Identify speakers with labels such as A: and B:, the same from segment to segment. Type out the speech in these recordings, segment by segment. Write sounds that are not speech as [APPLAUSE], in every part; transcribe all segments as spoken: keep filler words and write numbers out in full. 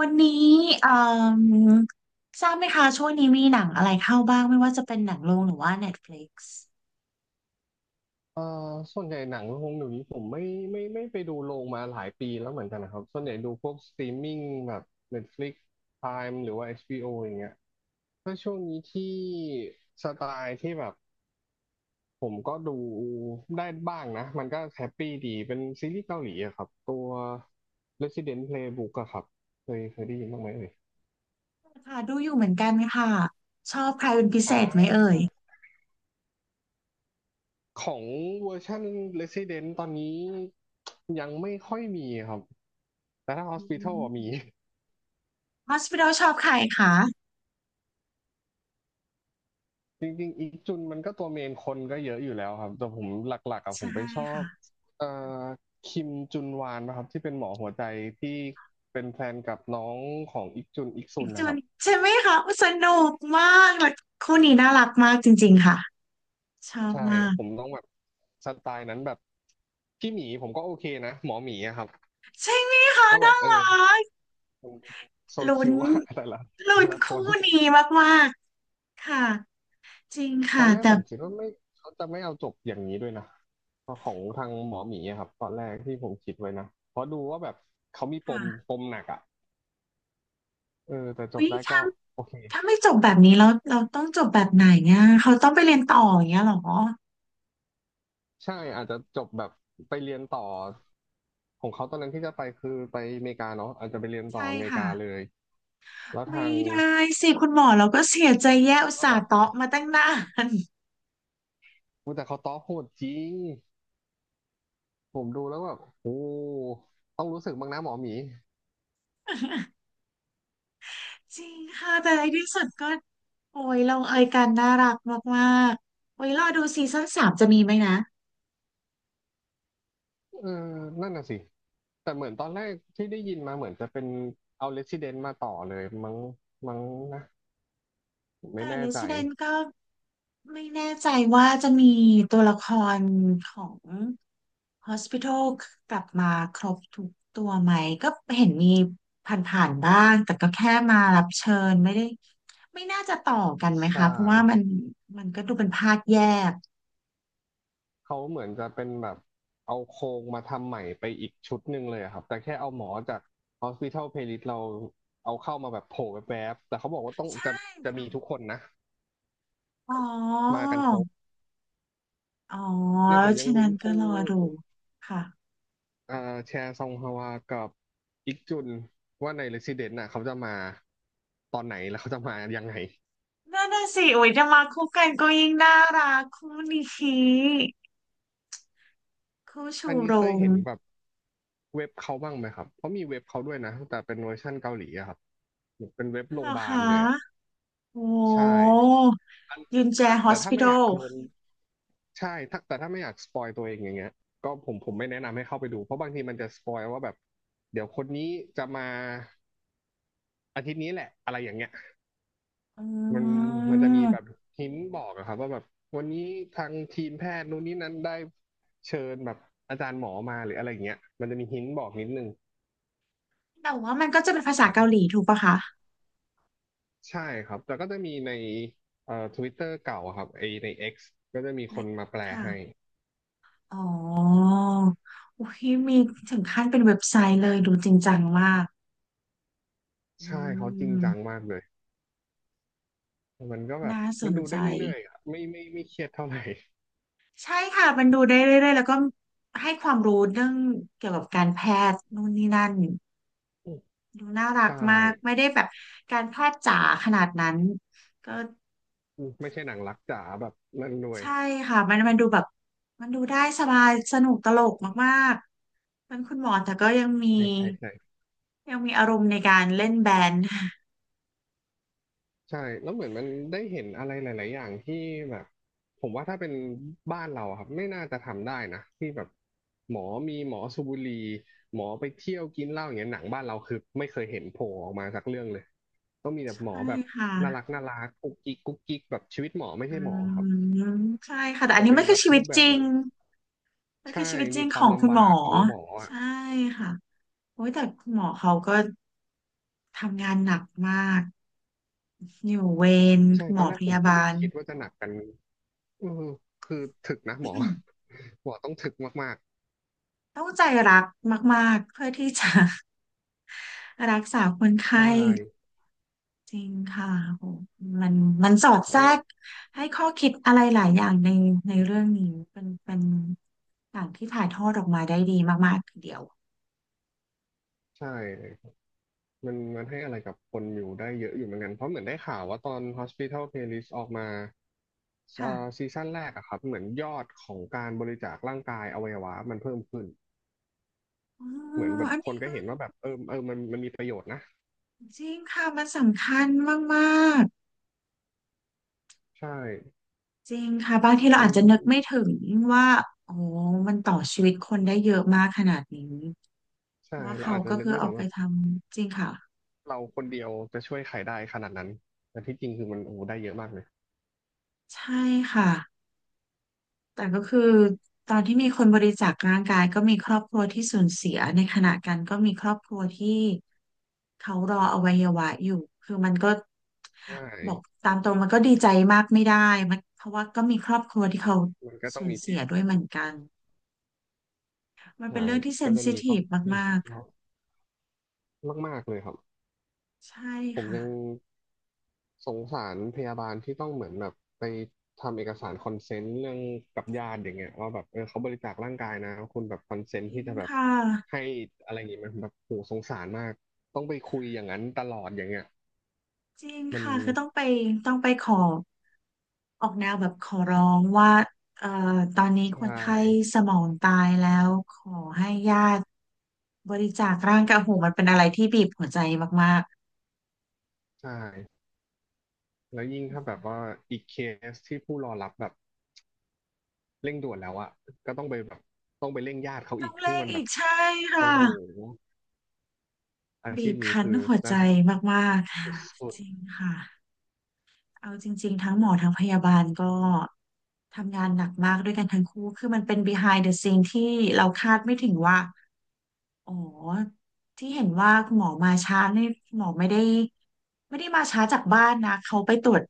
A: วันนี้เอ่มทราบไหมคะช่วงนี้มีหนังอะไรเข้าบ้างไม่ว่าจะเป็นหนังโรงหรือว่า Netflix
B: เอ่อส่วนใหญ่หนังโรงเดี๋ยวนี้ผมไม่ไม่ไม่ไปดูโรงมาหลายปีแล้วเหมือนกันนะครับส่วนใหญ่ดูพวกสตรีมมิ่งแบบ Netflix Prime หรือว่า เอช บี โอ อชบีโออย่างเงี้ยถ้าช่วงนี้ที่สไตล์ที่แบบผมก็ดูได้บ้างนะมันก็แฮปปี้ดีเป็นซีรีส์เกาหลีอะครับตัว Resident Playbook อะครับเคยเคยได้ยินบ้างไหมเอ่ย
A: ค่ะดูอยู่เหมือนกันค่ะชอบใครเป็นพิเศ
B: อ่
A: ษไหมเอ่
B: า
A: ย
B: ของเวอร์ชัน Resident ตอนนี้ยังไม่ค่อยมีครับแต่ถ้า
A: อื
B: Hospital
A: ม
B: อะมี
A: Hospital ชอบใครคะ
B: จริงๆอีกจุนมันก็ตัวเมนคนก็เยอะอยู่แล้วครับแต่ผมหลักๆอะผ
A: ใช่
B: มไปชอบ
A: ค่ะ
B: เอ่อคิมจุนวานนะครับที่เป็นหมอหัวใจที่เป็นแฟนกับน้องของอีกจุนอีก
A: อี
B: ซุน
A: กจ
B: นะค
A: น
B: รับ
A: ใช่ไหมคะอุ๊ยสนุกมากและคู่นี้น่ารักมากจริงๆค่ะชอบ
B: ใช่
A: มาก
B: ผมต้องแบบสไตล์นั้นแบบพี่หมีผมก็โอเคนะหมอหมีอะครับ
A: ใช่ไหมคะ
B: ก็แบ
A: น่า
B: บเออ
A: รัก
B: โซ
A: ลุ้
B: คิ
A: น
B: วอะแต่ละ
A: ลุ้
B: แต่
A: น
B: ละค
A: คู่
B: น
A: นี้มากๆค่ะจริง
B: ตอ
A: ค่ะ
B: นแรก
A: แต่
B: ผมคิดว่าไม่เขาจะไม่เอาจบอย่างนี้ด้วยนะของทางหมอหมีอะครับตอนแรกที่ผมคิดไว้นะเพราะดูว่าแบบเขามีปม
A: ค่ะ
B: ปมหนักอ่ะ เออแต่จ
A: อุ้
B: บ
A: ย
B: ได้
A: ถ้า
B: ก็โอเค
A: ถ้าไม่จบแบบนี้แล้วเราต้องจบแบบไหนเนี่ยเขาต้องไปเรียนต่ออย่างเงี้ยเหรอ
B: ใช่อาจจะจบแบบไปเรียนต่อของเขาตอนนั้นที่จะไปคือไปอเมริกาเนาะอาจจะไปเรียนต่อ
A: ใช่
B: อเมริ
A: ค่ะ
B: กาเลยแล้ว
A: ไม่
B: ทาง
A: ได้สิคุณหมอเราก็เสียใจแย่อุต
B: ว่า
A: ส่า
B: แบ
A: ห์
B: บ
A: เตาะมาตั้งนาน
B: อุ๊ยแต่เขาต้อโหดจริงผมดูแล้วแบบโอ้ต้องรู้สึกบ้างนะหมอหมี
A: จริงค่ะแต่ในที่สุดก็โอ้ยลงเอยกันน่ารักมากๆโอ้ยรอดูซีซั่นสามจะมีไหมนะ
B: เออนั่นน่ะสิแต่เหมือนตอนแรกที่ได้ยินมาเหมือนจะเป็นเอา Resident มาต่อเลยมั้งมั้งนะผมไม่
A: แต่
B: แน่ใจ
A: Resident ก็ ไม่แน่ใจว่าจะมีตัวละครของ Hospital กลับมาครบทุกตัวไหมก็เห็นมีผ่านๆบ้างแต่ก็แค่มารับเชิญไม่ได้ไม่น่าจะต่อกันไหม
B: ใช่
A: คะเพราะว่ามันมันก็ดูเป็นภาคแยก
B: เขาเหมือนจะเป็นแบบเอาโครงมาทำใหม่ไปอีกชุดหนึ่งเลยอะครับแต่แค่เอาหมอจาก Hospital Playlist เราเอาเข้ามาแบบโผล่แวบๆแต่เขาบอกว่าต้อง
A: ใช่
B: จะจะ
A: ค่ะ
B: มีทุกคนนะ
A: อ๋อ
B: มากันครบ
A: อ๋อ
B: เนี่ยผมยัง
A: ฉะ
B: ลุ้
A: นั้
B: น
A: นก็
B: คู่
A: รอดูค่ะ
B: เอ่อแชร์ซองฮวากับอิกจุนว่าใน Resident น่ะเขาจะมาตอนไหนแล้วเขาจะมายังไง
A: นั่นน่ะสิโอ้ยจะมาคู่กันก็ยิ่งน่ารักคู่นี้คู่ชู
B: อันนี้
A: โร
B: เคย
A: ง
B: เห็นแบบเว็บเขาบ้างไหมครับเพราะมีเว็บเขาด้วยนะแต่เป็นเวอร์ชั่นเกาหลีอะครับเป็นเว็บโร
A: เหร
B: งพ
A: อ
B: ยาบา
A: คะ
B: ลเลยอะ
A: โอ
B: ใช่
A: ้ยุนแจ
B: ถ้าแต่ถ้าไม่อยาก
A: Hospital
B: โดนใช่ถ้าแต่ถ้าไม่อยากสปอยตัวเองอย่างเงี้ยก็ผมผมไม่แนะนำให้เข้าไปดู เพราะบางทีมันจะสปอยว่าแบบเดี๋ยวคนนี้จะมาอาทิตย์นี้แหละอะไรอย่างเงี้ย
A: อ
B: มัน
A: ื
B: มันจะมีแบบ
A: ม
B: หินบอกอะครับว่าแบบวันนี้ทางทีมแพทย์นู่นนี่นั้นได้เชิญแบบอาจารย์หมอมาหรืออะไรอย่างเงี้ยมันจะมีหินบอกนิดนึง
A: แต่ว่ามันก็จะเป็นภาษา
B: นะ
A: เกาหลีถูกปะคะ
B: ใช่ครับ แต่ก็จะมีในเอ่อทวิตเตอร์เก่าอะครับไอใน X ก็จะมีค
A: ไม่
B: นมาแปล
A: ค่ะ
B: ให้
A: อ๋อโอ้ยมีถึงขั้นเป็นเว็บไซต์เลยดูจริงจังมากอื
B: ใช่เขาจริงจัง
A: ม
B: มากเลย มันก็แบบ
A: น่าส
B: มัน
A: น
B: ดู
A: ใจ
B: ได้เรื่อยๆอะไม่ไม่ไม่เครียดเท่าไหร่
A: ใช่ค่ะมันดูได้เรื่อยๆแล้วก็ให้ความรู้เรื่องเกี่ยวกับการแพทย์นู่นนี่นั่น
B: อืม
A: ดูน่ารัก
B: ใช่
A: มากไม่ได้แบบการแพทย์จ๋าขนาดนั้นก็
B: อืมไม่ใช่หนังรักจ๋าแบบนั่นด้วย
A: ใช่ค่ะมันมันดูแบบมันดูได้สบายสนุกตลกมากๆเป็นคุณหมอแต่ก็ยังมี
B: ใช่ใช่ใช่
A: ยังมีอารมณ์ในการเล่นแบนด์
B: ใช่แล้วเหมือนมันได้เห็นอะไรหลายๆอย่างที่แบบผมว่าถ้าเป็นบ้านเราอะครับไม่น่าจะทำได้นะที่แบบหมอมีหมอสูบบุหรี่หมอไปเที่ยวกินเหล้าอย่างเงี้ยหนังบ้านเราคือไม่เคยเห็นโผล่ออกมาสักเรื่องเลยก็มีแต่
A: ใช่
B: หมอแบบ
A: ค่ะ
B: น่ารักน่ารักกุ๊กกิ๊กกุ๊กกิ๊กแบบชีวิตหมอไม่
A: อื
B: ใช่หมอครับ
A: มใช่ค่ะ
B: มั
A: แต่
B: น
A: อัน
B: จะ
A: นี้
B: เป็น
A: ไม่
B: แบ
A: คือ
B: บ
A: ชีวิ
B: รู
A: ต
B: ปแบ
A: จ
B: บ
A: ริง
B: นั้น
A: ไม่คือ
B: ใช่
A: ชีวิตจริ
B: มี
A: ง
B: ค
A: ข
B: วาม
A: องคุณ
B: ลำ
A: หม
B: บา
A: อ
B: กของหมออ่ะ
A: ใช่ค่ะโอ้ยแต่คุณหมอเขาก็ทำงานหนักมากอยู่เวร
B: ใช่
A: หม
B: ตอ
A: อ
B: นแร
A: พ
B: กผม
A: ยา
B: ก็
A: บา
B: ไม่
A: ล
B: คิดว่าจะหนักกันอืมคือถึกนะหมอ [LAUGHS] หมอต้องถึกมาก
A: [CLEARS THROAT] ต้องใจรักมากๆเพื่อที่จะ [LAUGHS] รักษาคน
B: ๆ
A: ไข้
B: ใช่
A: จริงค่ะโหมันมันสอด
B: เพ
A: แทร
B: ราะว่า
A: กให้ข้อคิดอะไรหลายอย่างในในเรื่องนี้ เป็นเป็นอย่างที่ถ่ายทอดออกมาได้ดีมากๆทีเดียว
B: ใช่มันมันให้อะไรกับคนอยู่ได้เยอะอยู่เหมือนกันเพราะเหมือนได้ข่าวว่าตอน Hospital Playlist ออกมาอ่า
A: ค่ะ
B: ซีซั่นแรกอะครับเหมือนยอดของการบริจาคร่างกายอวัยวะมันเพิ่มขึ้น
A: อ๋อ
B: เหมือนแบบ
A: อัน
B: คน
A: นี้
B: ก็
A: ก็
B: เห็นว่าแบบเออเออมันมันมีประโยชน์นะ
A: จริงค่ะ มันสำคัญมาก
B: ใช่
A: ๆ จริงค่ะบางทีเรา
B: มัน
A: อาจจะนึกไม่ถึงว่าโอ้มันต่อชีวิตคนได้เยอะมากขนาดนี้
B: ใช่
A: ว่า
B: เรา
A: เขา
B: อาจจะ
A: ก็
B: นึก
A: คือ
B: ไม่
A: เอา
B: ถึง
A: ไป
B: ว่า
A: ทำจริงค่ะ
B: เราคนเดียวจะช่วยใครได้ขนาดนั้นแต่ที่จริงคือมันโอ้โหได้เยอะมากเลย
A: ใช่ค่ะ แต่ก็คือตอนที่มีคนบริจาคร่างกายก็มีครอบครัวที่สูญเสียในขณะกันก็มีครอบครัวที่เขารออวัยวะอยู่คือมันก็
B: ใช่
A: บอกตามตรงมันก็ดีใจมากไม่ได้มันเพราะว่าก็มีครอบครัวที่เขา
B: มันก็ต้
A: สู
B: อง
A: ญ
B: มี
A: เสี
B: ที่
A: ยด้วยเหมือนกันมันเป็น
B: หาย
A: เรื่องที่เซ
B: ก็
A: น
B: จะ
A: ซิ
B: มีคร
A: ที
B: อ
A: ฟ
B: บครัวที่เย
A: มาก
B: อะมากๆเลยครับ
A: ๆใช่
B: ผม
A: ค่ะ
B: ยังสงสารพยาบาลที่ต้องเหมือนแบบไปทำเอกสารคอนเซนต์เรื่องกับญาติอย่างเงี้ยว่าแบบเออเขาบริจาคร่างกายนะคุณแบบคอนเซน
A: จ
B: ต์
A: ริ
B: ที่
A: ง
B: จะแบบ
A: ค่ะ
B: ให้อะไรอย่างเงี้ยมันแบบโหสงสารมากต้องไปคุยอย่างนั้นตลอดอย่างเงี้ย
A: จริง
B: มัน
A: ค่ะคือต้องไปต้องไปขอออกแนวแบบขอร้องว่าเอ่อตอนนี้คน
B: ใช่
A: ไข้สมองตายแล้วขอให้ญาติบริจาคร่างกายโอ้โหมันเป็นอะไรที่บีบหัวใจมาก
B: ใช่แล้วยิ่งถ้าแบบว่าอีกเคสที่ผู้รอรับแบบเร่งด่วนแล้วอะก็ต้องไปแบบต้องไปเร่งญาติเขา
A: ๆต้
B: อี
A: อ
B: ก
A: ง
B: ซึ่ง
A: เร่ง
B: มันแบ
A: อี
B: บ
A: กใช่
B: โอ้
A: ค่ะ
B: โหอา
A: บี
B: ชีพ
A: บ
B: นี้
A: คั้น
B: คือ
A: หัวใจ
B: น่าสน
A: มากๆค่ะ
B: สุด
A: จริงค่ะเอาจริงๆทั้งหมอทั้งพยาบาลก็ทำงานหนักมากด้วยกันทั้งคู่คือมันเป็น behind the scene ที่เราคาดไม่ถึงว่า อ๋อที่เห็นว่าคุณหมอมาช้าเนี่ยคุณหมอไม่ได้ไม่ได้มาช้าจากบ้านนะเขาไปตรวจ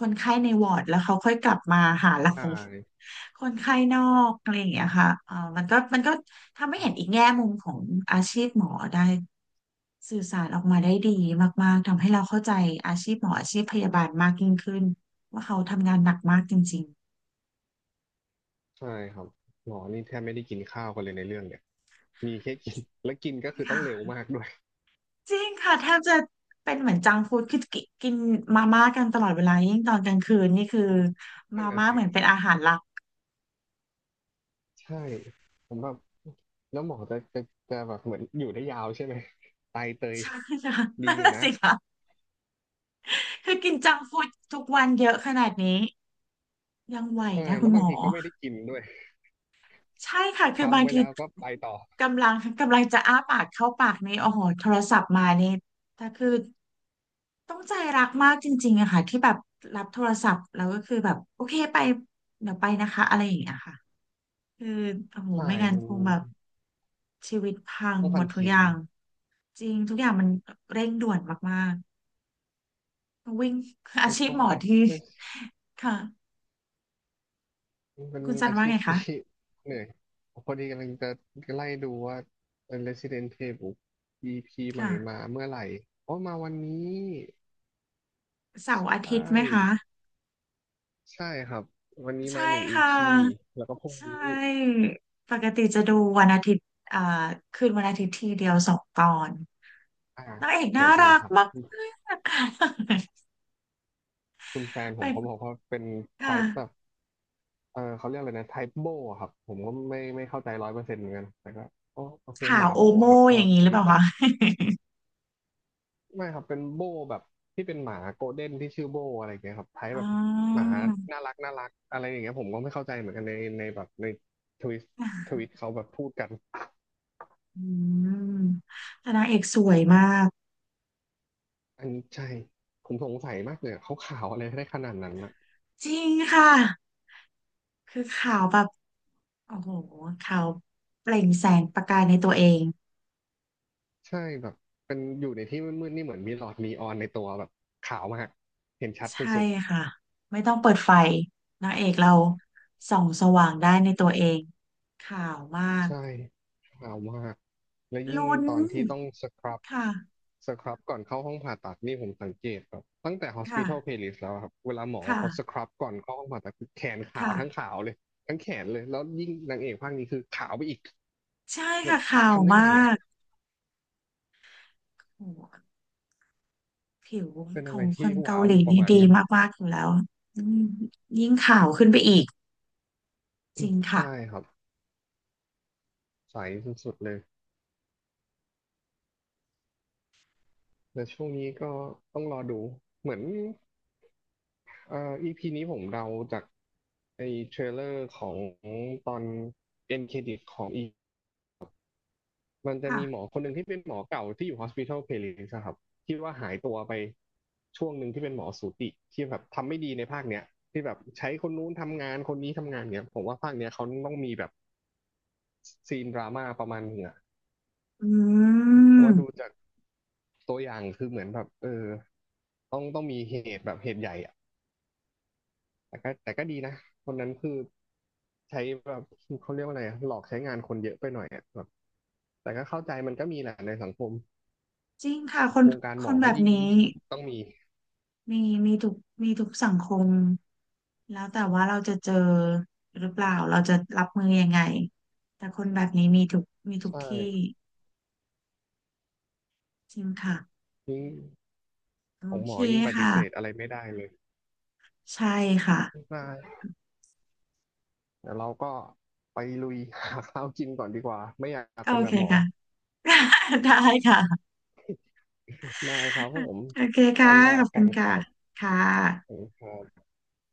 A: คนไข้ในวอร์ดแล้วเขาค่อยกลับมาหาเรา
B: ๆใช่
A: [LAUGHS] คนไข้นอกอะไรอย่างเงี้ยค่ะเออมันก็มันก็ทำให้เห็นอีกแง่มุมของอาชีพหมอได้สื่อสารออกมาได้ดีมากๆทำให้เราเข้าใจอาชีพหมออาชีพพยาบาลมากยิ่งขึ้นว่าเขาทำงานหนักมากจริง
B: ใช่ครับหมอนี่แทบไม่ได้กินข้าวกันเลยในเรื่องเนี่ยมีแค่กิน [LAUGHS] แล้วกินก็คือ
A: ๆ
B: ต้องเร็ว
A: ค่ะ
B: มากด้วย
A: จริงค่ะแทบจะเป็นเหมือนจังก์ฟู้ดคือกินกินมาม่ากันตลอดเวลายิ่งตอนกลางคืนนี่คือ
B: นั่นน่ะสิ
A: เป็นอาหารหลัก
B: ใช่ผมแบบแล้วหมอจะจะจะแบบเหมือนอยู่ได้ยาวใช่ไหมไตเต
A: [LAUGHS]
B: ย
A: ใช่ค่ะ
B: ดี
A: นั่น
B: อยู่
A: น่ะ
B: นะ
A: สิค่ะคือกินจังก์ฟู้ดทุกวันเยอะขนาดนี้ยังไหว
B: ใช่
A: นะคุ
B: แล้ว
A: ณหม
B: บาง
A: อ
B: ทีก็ไม่ได้กินด้วย
A: ใช่ค่ะคือบา
B: ทำ
A: ง
B: ไว้
A: ที
B: แล้วก็ไปต่อ
A: กำลังกำลังจะอ้าปากเข้าปากนี่โอ้โหโทรศัพท์มานี่แต่คือต้องใจรักมากจริงๆอะค่ะที่แบบรับโทรศัพท์แล้วก็คือแบบโอเคไปเดี๋ยวไปนะคะอะไรอย่างเงี้ยค่ะ คือโอ้โห
B: ใช่
A: ไม่งั้น
B: มั
A: ค
B: น
A: งแบบชีวิตพัง
B: ต้อง
A: หม
B: ทัน
A: ดทุก
B: ที
A: อย่างจริงทุกอย่างมันเร่งด่วนมากๆวิ่ง [LAUGHS] อา
B: ต้อง
A: ชีพห
B: ต้
A: ม
B: น
A: อที่ค่ะ
B: มันเป็น
A: คุณจัน
B: อา
A: ว่า
B: ชีพ
A: ไง
B: ที่
A: คะ
B: [LAUGHS] เหนื่อยพอดีกำลังจะไล่ดูว่า Resident Playbook อี พี ใหม่
A: ค่ะ
B: มาเมื่อไหร่อ๋อมาวันนี้
A: เสาร์อา
B: ใช
A: ทิตย์ไหมคะ
B: ่ใช่ครับวันนี้
A: ใช่
B: มาหนึ่ง
A: ค่ะ
B: อี พี แล้วก็พรุ่ง
A: ใช่
B: นี้
A: ปกติจะดูวันอาทิตย์อ่าคืนวันอาทิตย์ทีเดียวสองตอน
B: อ่า
A: นางเอก
B: เหมื
A: น่า
B: อนกัน
A: รัก
B: ครับ
A: มาก
B: คุณแฟน
A: ๆ
B: ผมเขา
A: ไป
B: บอกว่าเป็น
A: ค่ะ
B: type แบบเออเขาเรียกอะไรนะ type โบอะครับผมก็ไม่ไม่เข้าใจร้อยเปอร์เซ็นต์เหมือนกันแต่ก็อ๋อโอเค
A: ข่า
B: ห
A: ว
B: มา
A: โอ
B: โบ
A: โม
B: อะครับพ
A: อ
B: อ
A: ย่าง
B: พ
A: นี้ห
B: อ
A: รือเป
B: นึก
A: ล่า
B: ออก
A: คะ
B: ไม่ครับเป็นโบแบบที่เป็นหมาโกลเด้นที่ชื่อโบอะไรอย่างเงี้ยครับไทย
A: อ๋
B: แบ
A: อ
B: บหมาน่ารักน่ารักอะไรอย่างเงี้ยผมก็ไม่เข้าใจเหมือนกันในในแบบในทวิตทวิตเขาแบบพูดกัน
A: อืมแต่นางเอกสวยมาก
B: อันนี้ใช่ผมสงสัยมากเลยอะเขาขาวอะไรได้ขนาดนั้นนะ
A: จริงค่ะคือขาวแบบโอ้โหขาวเปล่งแสงประกายในตัวเอง
B: ใช่แบบเป็นอยู่ในที่มืดๆนี่เหมือนมีหลอดนีออนในตัวแบบขาวมากเห็นชัด
A: ใช่
B: สุด
A: ค่ะไม่ต้องเปิดไฟนางเอกเราส่องสว่างได้ในตัวเองขาวมาก
B: ใช่ขาวมาก และยิ่ง
A: ลุ้น
B: ตอนที่ต้องสครับ
A: ค่ะ
B: สครับก่อนเข้าห้องผ่าตัดนี่ผมสังเกตแบบตั้งแต่ hospital
A: ค่ะ
B: playlist แล้วอะครับ เวลาหมอ
A: ค่ะ
B: เขาสครับก่อนเข้าห้องผ่าตัดคือแขนขาว
A: ค่ะ
B: ทั้งขาวเลย ทั้งแขนเลย แล้วยิ่งนางเอกภาคนี้คือขาวไปอีก
A: ใช่
B: แบบ
A: ค่ะขาว
B: ทำได้
A: มา
B: ไงอ่ะ
A: กโอ้โหผิว
B: เป็น
A: ข
B: อะ
A: อ
B: ไร
A: งค
B: ที่
A: นเกา
B: ว้าว
A: ห
B: อ
A: ลี
B: ยู่ประ
A: นี่
B: มาณ
A: ดี
B: หนึง
A: มากๆอยู่แล้วอืมยิ่งขาวขึ้นไปอีกจริงค่ะ
B: ใช่ครับ ใสสุดๆเลย และช่วงนี้ก็ต้องรอดูเหมือน เอ่อ อี พี นี้ผมเดาจากไอ้เทรลเลอร์ของตอนเอ็นเครดิตของอีพีมันจะ
A: ค่ะ
B: มีหมอคนหนึ่งที่เป็นหมอเก่าที่อยู่ Hospital Playlist อะครับที่ว่าหายตัวไปช่วงหนึ่งที่เป็นหมอสูติที่แบบทำไม่ดีในภาคเนี้ยที่แบบใช้คนนู้นทำงานคนนี้ทำงานเนี้ยผมว่าภาคเนี้ยเขาต้องมีแบบซีนดราม่าประมาณหนึงอะ
A: อื
B: เพราะ
A: ม
B: ว่าดูจากตัวอย่างคือเหมือนแบบเออต้องต้องมีเหตุแบบเหตุใหญ่อะ แต่ก็แต่ก็ดีนะคนนั้นคือใช้แบบเขาเรียกว่าอะไรอะหลอกใช้งานคนเยอะไปหน่อยอะแบบแต่ก็เข้าใจมันก็มีแหละในสังคม
A: จริงค่ะคน
B: วงการ
A: ค
B: หมอ
A: นแบ
B: ก็
A: บ
B: ยิ่ง
A: นี้
B: ยิ่งต้องมี
A: มีมีทุกมีทุกสังคมแล้วแต่ว่าเราจะเจอหรือเปล่าเราจะรับมือยังไงแต่คนแบบนี้มีทุกมีทุก
B: ใช่
A: ที่จริงค่ะ
B: ยิ่ง
A: โอ
B: ของหม
A: เค
B: อยิ่งปฏิ
A: ค่ะ
B: เสธอะไรไม่ได้เลย
A: ใช่ค่ะ
B: ได้เดี๋ยวเราก็ไปลุยหาข้าวกินก่อนดีกว่าไม่อยาก
A: โอ
B: เป็นแบ
A: เค
B: บหมอ
A: ค่ะ [LAUGHS] ได้ค่ะ
B: ได้ครับผม
A: โอเค
B: ไว้
A: ค่ะข
B: ว่า
A: อบคุ
B: กั
A: ณ
B: นค
A: ค่ะ
B: รับ
A: ค่
B: ขอ
A: ะ
B: บคุณครับ